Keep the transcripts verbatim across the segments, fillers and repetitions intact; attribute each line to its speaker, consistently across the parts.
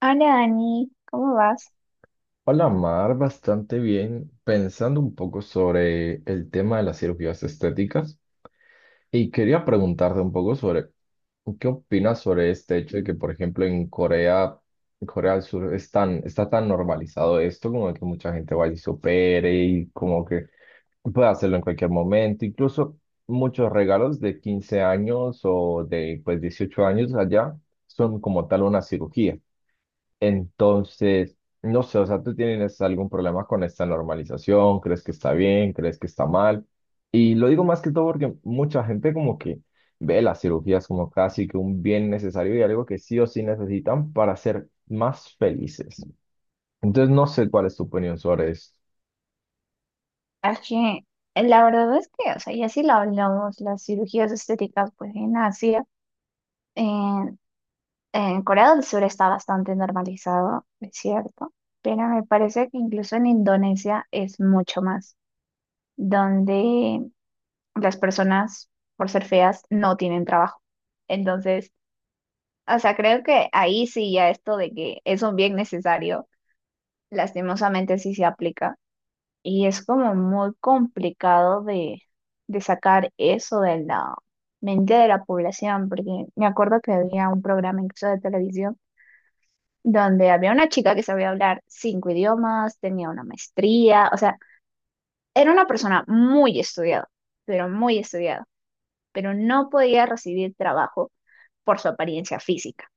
Speaker 1: Hola Dani, ¿cómo vas?
Speaker 2: Hola Mar, bastante bien, pensando un poco sobre el tema de las cirugías estéticas y quería preguntarte un poco sobre qué opinas sobre este hecho de que, por ejemplo, en Corea, en Corea del Sur es tan- está tan normalizado esto, como que mucha gente va y se opere y como que puede hacerlo en cualquier momento, incluso muchos regalos de quince años o de pues dieciocho años allá son como tal una cirugía. Entonces, no sé, o sea, ¿tú tienes algún problema con esta normalización? ¿Crees que está bien? ¿Crees que está mal? Y lo digo más que todo porque mucha gente como que ve las cirugías como casi que un bien necesario y algo que sí o sí necesitan para ser más felices. Entonces, no sé cuál es tu opinión sobre esto.
Speaker 1: Es que eh, la verdad es que, o sea, ya si lo hablamos, las cirugías estéticas, pues en Asia, en, en Corea del Sur está bastante normalizado, es cierto, pero me parece que incluso en Indonesia es mucho más, donde las personas, por ser feas, no tienen trabajo. Entonces, o sea, creo que ahí sí ya esto de que es un bien necesario, lastimosamente sí se aplica. Y es como muy complicado de, de sacar eso de la mente de la población, porque me acuerdo que había un programa incluso de televisión donde había una chica que sabía hablar cinco idiomas, tenía una maestría, o sea, era una persona muy estudiada, pero muy estudiada, pero no podía recibir trabajo por su apariencia física.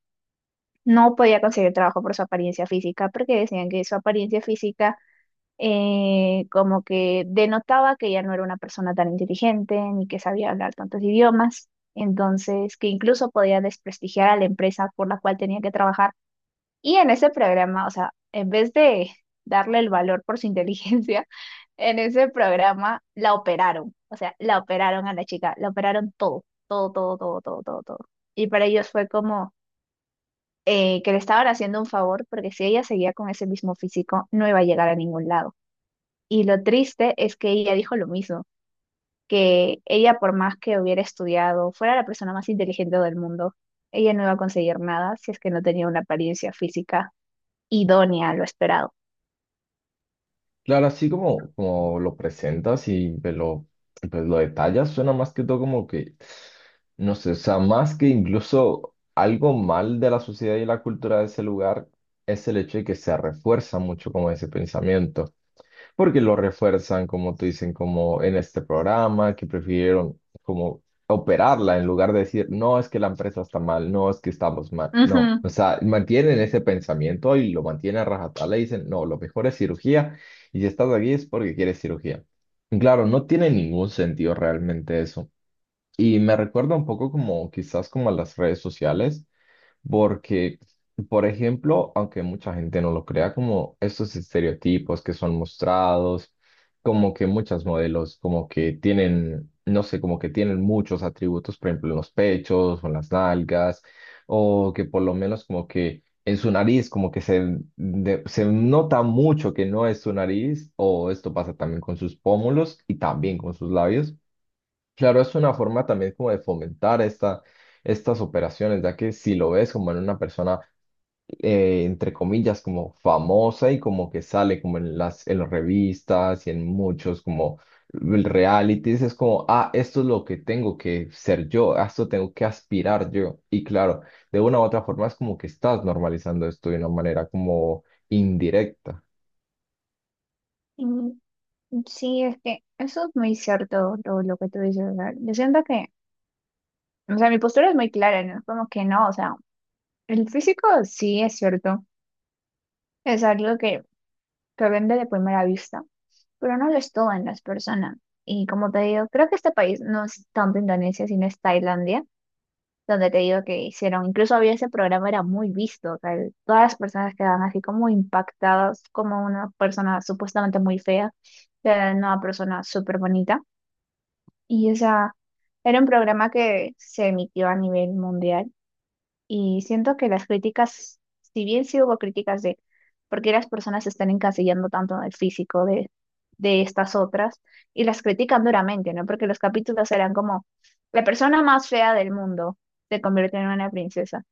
Speaker 1: No podía conseguir trabajo por su apariencia física porque decían que su apariencia física eh, como que denotaba que ya no era una persona tan inteligente ni que sabía hablar tantos idiomas, entonces que incluso podía desprestigiar a la empresa por la cual tenía que trabajar. Y en ese programa, o sea, en vez de darle el valor por su inteligencia, en ese programa la operaron, o sea, la operaron a la chica, la operaron todo, todo, todo, todo, todo, todo, todo. Y para ellos fue como eh, que le estaban haciendo un favor porque si ella seguía con ese mismo físico, no iba a llegar a ningún lado. Y lo triste es que ella dijo lo mismo, que ella por más que hubiera estudiado, fuera la persona más inteligente del mundo, ella no iba a conseguir nada si es que no tenía una apariencia física idónea a lo esperado.
Speaker 2: Claro, así como, como lo presentas y pues lo, pues lo detallas, suena más que todo como que, no sé, o sea, más que incluso algo mal de la sociedad y la cultura de ese lugar es el hecho de que se refuerza mucho como ese pensamiento porque lo refuerzan, como te dicen, como en este programa, que prefirieron como operarla en lugar de decir, no, es que la empresa está mal, no, es que estamos mal, no.
Speaker 1: Ujú.
Speaker 2: O sea, mantienen ese pensamiento y lo mantienen a rajatabla y dicen, no, lo mejor es cirugía y si estás aquí es porque quieres cirugía. Y claro, no tiene ningún sentido realmente eso. Y me recuerda un poco como quizás como a las redes sociales. Porque, por ejemplo, aunque mucha gente no lo crea, como estos estereotipos que son mostrados, como que muchas modelos como que tienen, no sé, como que tienen muchos atributos, por ejemplo, en los pechos o en las nalgas, o que por lo menos como que en su nariz como que se, de- se nota mucho que no es su nariz, o esto pasa también con sus pómulos y también con sus labios. Claro, es una forma también como de fomentar esta, estas operaciones, ya que si lo ves como en una persona, eh, entre comillas, como famosa y como que sale como en las, en las revistas y en muchos como realities, es como, ah, esto es lo que tengo que ser yo, a esto tengo que aspirar yo. Y claro, de una u otra forma es como que estás normalizando esto de una manera como indirecta.
Speaker 1: Mm, sí, es que eso es muy cierto lo, lo que tú dices. O sea, yo siento que, o sea, mi postura es muy clara, ¿no? Como que no, o sea, el físico sí es cierto, es algo que, que vende de primera vista. Pero no lo es todo en las personas. Y como te digo, creo que este país no es tanto Indonesia, sino es Tailandia, donde te digo que hicieron, incluso había ese programa, era muy visto, o sea, el- todas las personas quedaban así como impactadas, como una persona supuestamente muy fea, era una persona súper bonita. Y o sea, era un programa que se emitió a nivel mundial y siento que las críticas, si bien sí hubo críticas de por qué las personas se están encasillando tanto en el físico de, de estas otras, y las critican duramente, ¿no? Porque los capítulos eran como, la persona más fea del mundo se convierte en una princesa.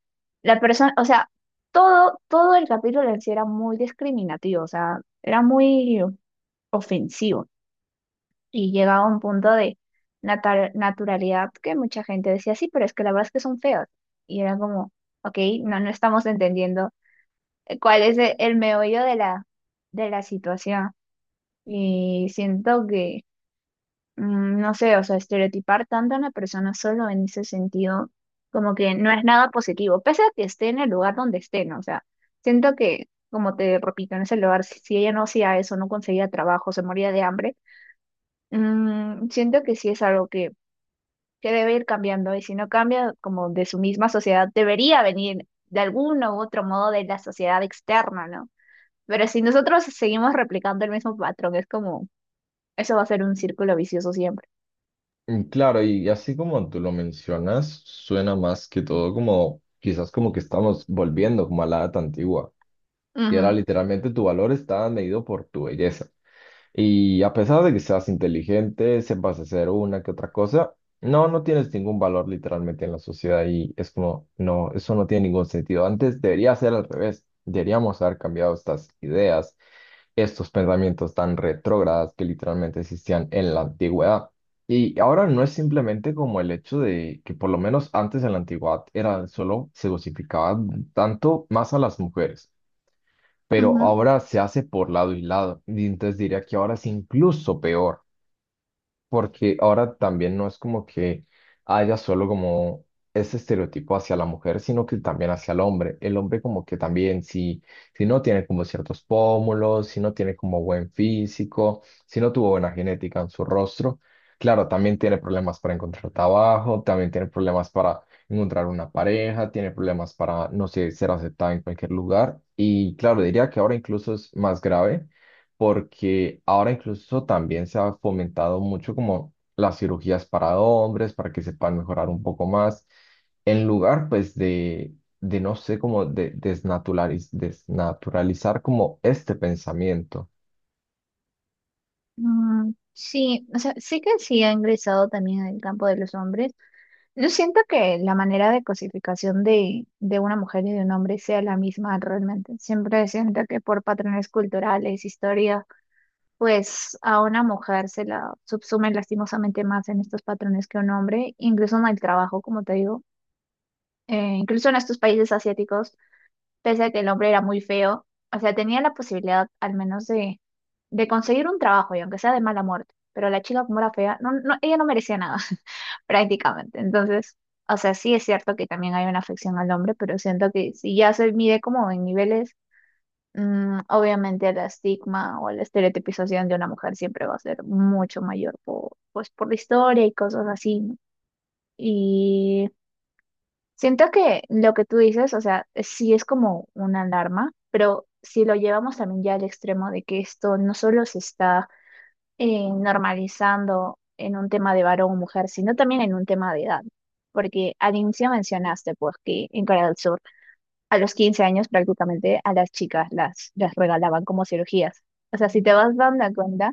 Speaker 1: La persona, o sea, todo, todo el capítulo en sí era muy discriminativo, o sea, era muy ofensivo. Y llega a un punto de natar- naturalidad que mucha gente decía, sí, pero es que la verdad es que son feos. Y era como, ok, no, no estamos entendiendo eh, cuál es e- el meollo de la, de la situación. Y siento que, mm, no sé, o sea, estereotipar tanto a una persona solo en ese sentido, como que no es nada positivo, pese a que esté en el lugar donde esté, ¿no? O sea, siento que, como te repito, en ese lugar, si si ella no hacía eso, no conseguía trabajo, se moría de hambre. Mm, siento que sí es algo que que debe ir cambiando y si no cambia como de su misma sociedad, debería venir de algún u otro modo de la sociedad externa, ¿no? Pero si nosotros seguimos replicando el mismo patrón, es como, eso va a ser un círculo vicioso siempre.
Speaker 2: Mm, Claro, y así como tú lo mencionas, suena más que todo como quizás como que estamos volviendo como a la edad antigua, que era
Speaker 1: Ujú,
Speaker 2: literalmente tu valor estaba medido por tu belleza. Y a pesar de que seas inteligente, sepas hacer una que otra cosa, no, no tienes ningún valor literalmente en la sociedad y es como, no, eso no tiene ningún sentido. Antes debería ser al revés. Deberíamos haber cambiado estas ideas, estos pensamientos tan retrógradas que literalmente existían en la antigüedad. Y ahora no es simplemente como el hecho de que por lo menos antes en la antigüedad era solo se cosificaba tanto más a las mujeres pero
Speaker 1: ujú.
Speaker 2: ahora se hace por lado y lado. Y entonces diría que ahora es incluso peor porque ahora también no es como que haya solo como ese estereotipo hacia la mujer, sino que también hacia el hombre. El hombre como que también si, si no tiene como ciertos pómulos, si no tiene como buen físico, si no tuvo buena genética en su rostro, claro, también tiene problemas para encontrar trabajo, también tiene problemas para encontrar una pareja, tiene problemas para, no sé, ser aceptada en cualquier lugar. Y claro, diría que ahora incluso es más grave porque ahora incluso también se ha fomentado mucho como las cirugías para hombres, para que se puedan mejorar un poco más, en lugar pues de, de no sé, como de desnaturaliz- desnaturalizar como este pensamiento.
Speaker 1: Mm, sí, o sea, sí que sí ha ingresado también en el campo de los hombres. No siento que la manera de cosificación de, de una mujer y de un hombre sea la misma realmente. Siempre siento que por patrones culturales, historias, pues a una mujer se la subsume lastimosamente más en estos patrones que a un hombre, incluso en el trabajo, como te digo, Eh, incluso en estos países asiáticos, pese a que el hombre era muy feo, o sea, tenía la posibilidad al menos de, de conseguir un trabajo, y aunque sea de mala muerte, pero la chica como era fea, no, no, ella no merecía nada, prácticamente. Entonces, o sea, sí es cierto que también hay una afección al hombre, pero siento que si ya se mide como en niveles. Mm, obviamente el estigma o la estereotipización de una mujer siempre va a ser mucho mayor por, pues, por la historia y cosas así, ¿no? Y siento que lo que tú dices, o sea, sí es como una alarma, pero si lo llevamos también ya al extremo de que esto no solo se está eh, normalizando en un tema de varón o mujer, sino también en un tema de edad, porque al inicio mencionaste pues que en Corea del Sur a los quince años prácticamente a las chicas las, las regalaban como cirugías. O sea, si te vas dando cuenta,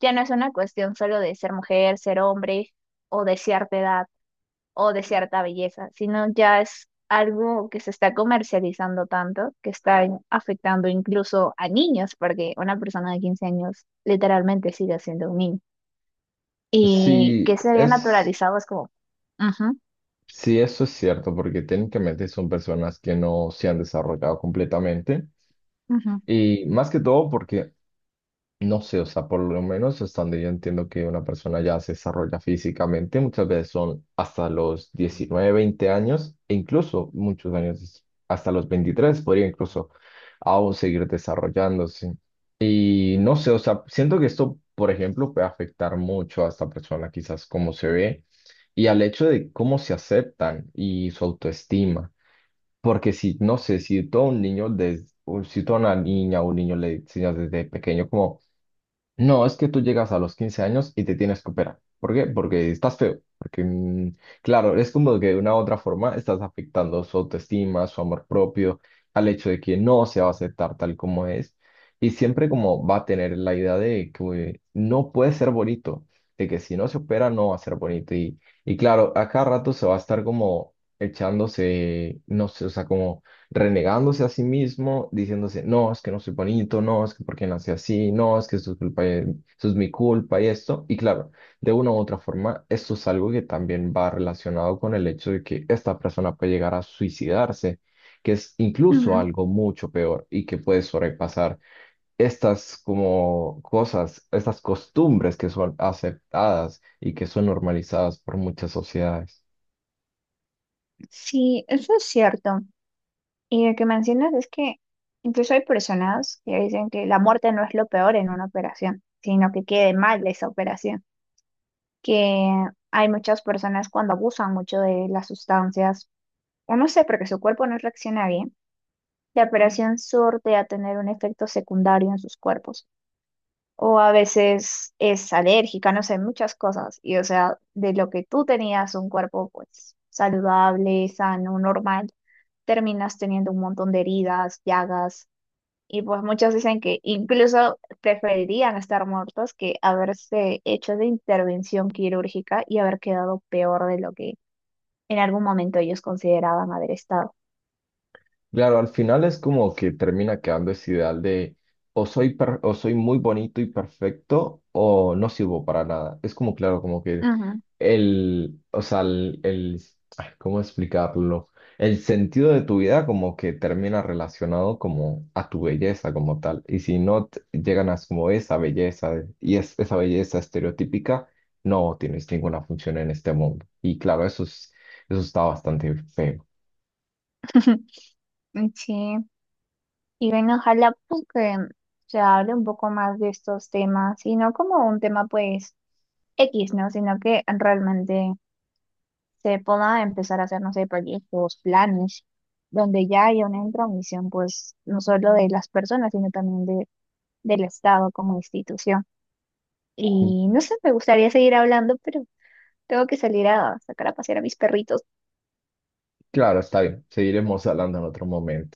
Speaker 1: ya no es una cuestión solo de ser mujer, ser hombre o de cierta edad o de cierta belleza, sino ya es algo que se está comercializando tanto que está in- afectando incluso a niños, porque una persona de quince años literalmente sigue siendo un niño. Y que
Speaker 2: Sí,
Speaker 1: se vea
Speaker 2: es,
Speaker 1: naturalizado es como... Ujú,
Speaker 2: sí, eso es cierto, porque técnicamente son personas que no se han desarrollado completamente.
Speaker 1: ujú,
Speaker 2: Y más que todo porque no sé, o sea, por lo menos hasta donde yo entiendo que una persona ya se desarrolla físicamente, muchas veces son hasta los diecinueve veinte años, e incluso muchos años, es- hasta los veintitrés podría incluso aún seguir desarrollándose. Y no sé, o sea, siento que esto, por ejemplo, puede afectar mucho a esta persona, quizás cómo se ve y al hecho de cómo se aceptan y su autoestima. Porque si, no sé, si todo un niño, des- o si toda una niña o un niño le enseñas desde pequeño como no, es que tú llegas a los quince años y te tienes que operar. ¿Por qué? Porque estás feo. Porque, mm, claro, es como que de una u otra forma estás afectando su autoestima, su amor propio, al hecho de que no se va a aceptar tal como es. Y siempre como va a tener la idea de que no puede ser bonito, de que si no se opera no va a ser bonito. Y, y claro, a cada rato se va a estar como echándose, no sé, o sea, como renegándose a sí mismo, diciéndose, no, es que no soy bonito, no, es que porque nací así, no, es que esto es culpa, de- esto es mi culpa y esto. Y claro, de una u otra forma, esto es algo que también va relacionado con el hecho de que esta persona puede llegar a suicidarse, que es incluso
Speaker 1: ujú.
Speaker 2: algo mucho peor y que puede sobrepasar estas como cosas, estas costumbres que son aceptadas y que son normalizadas por muchas sociedades.
Speaker 1: Sí, eso es cierto. Y lo que mencionas es que incluso hay personas que dicen que la muerte no es lo peor en una operación, sino que quede mal esa operación. Que hay muchas personas cuando abusan mucho de las sustancias, o no sé, porque su cuerpo no reacciona bien, la operación surte a tener un efecto secundario en sus cuerpos. O a veces es alérgica, no sé, muchas cosas. Y o sea, de lo que tú tenías un cuerpo pues saludable, sano, normal, terminas teniendo un montón de heridas, llagas. Y pues muchos dicen que incluso preferirían estar muertos que haberse hecho de intervención quirúrgica y haber quedado peor de lo que en algún momento ellos consideraban haber estado.
Speaker 2: Claro, al final es como que termina quedando ese ideal de o soy, per- o soy muy bonito y perfecto o no sirvo para nada. Es como, claro, como que
Speaker 1: Ujú.
Speaker 2: el, o sea, el, el- ay, ¿cómo explicarlo? El sentido de tu vida como que termina relacionado como a tu belleza como tal. Y si no te- llegan a como esa belleza de- y es, esa belleza estereotípica, no tienes ninguna función en este mundo. Y claro, eso es, eso está bastante feo.
Speaker 1: Sí, y bueno, ojalá pues que se hable un poco más de estos temas y no como un tema pues equis, ¿no? Sino que realmente se pueda empezar a hacer, no sé, proyectos, planes, donde ya haya una intromisión pues no solo de las personas, sino también del Estado como institución. Y no sé, me gustaría seguir hablando, pero tengo que salir a sacar a pasear a mis perritos.
Speaker 2: Claro, está bien. Seguiremos hablando en otro momento.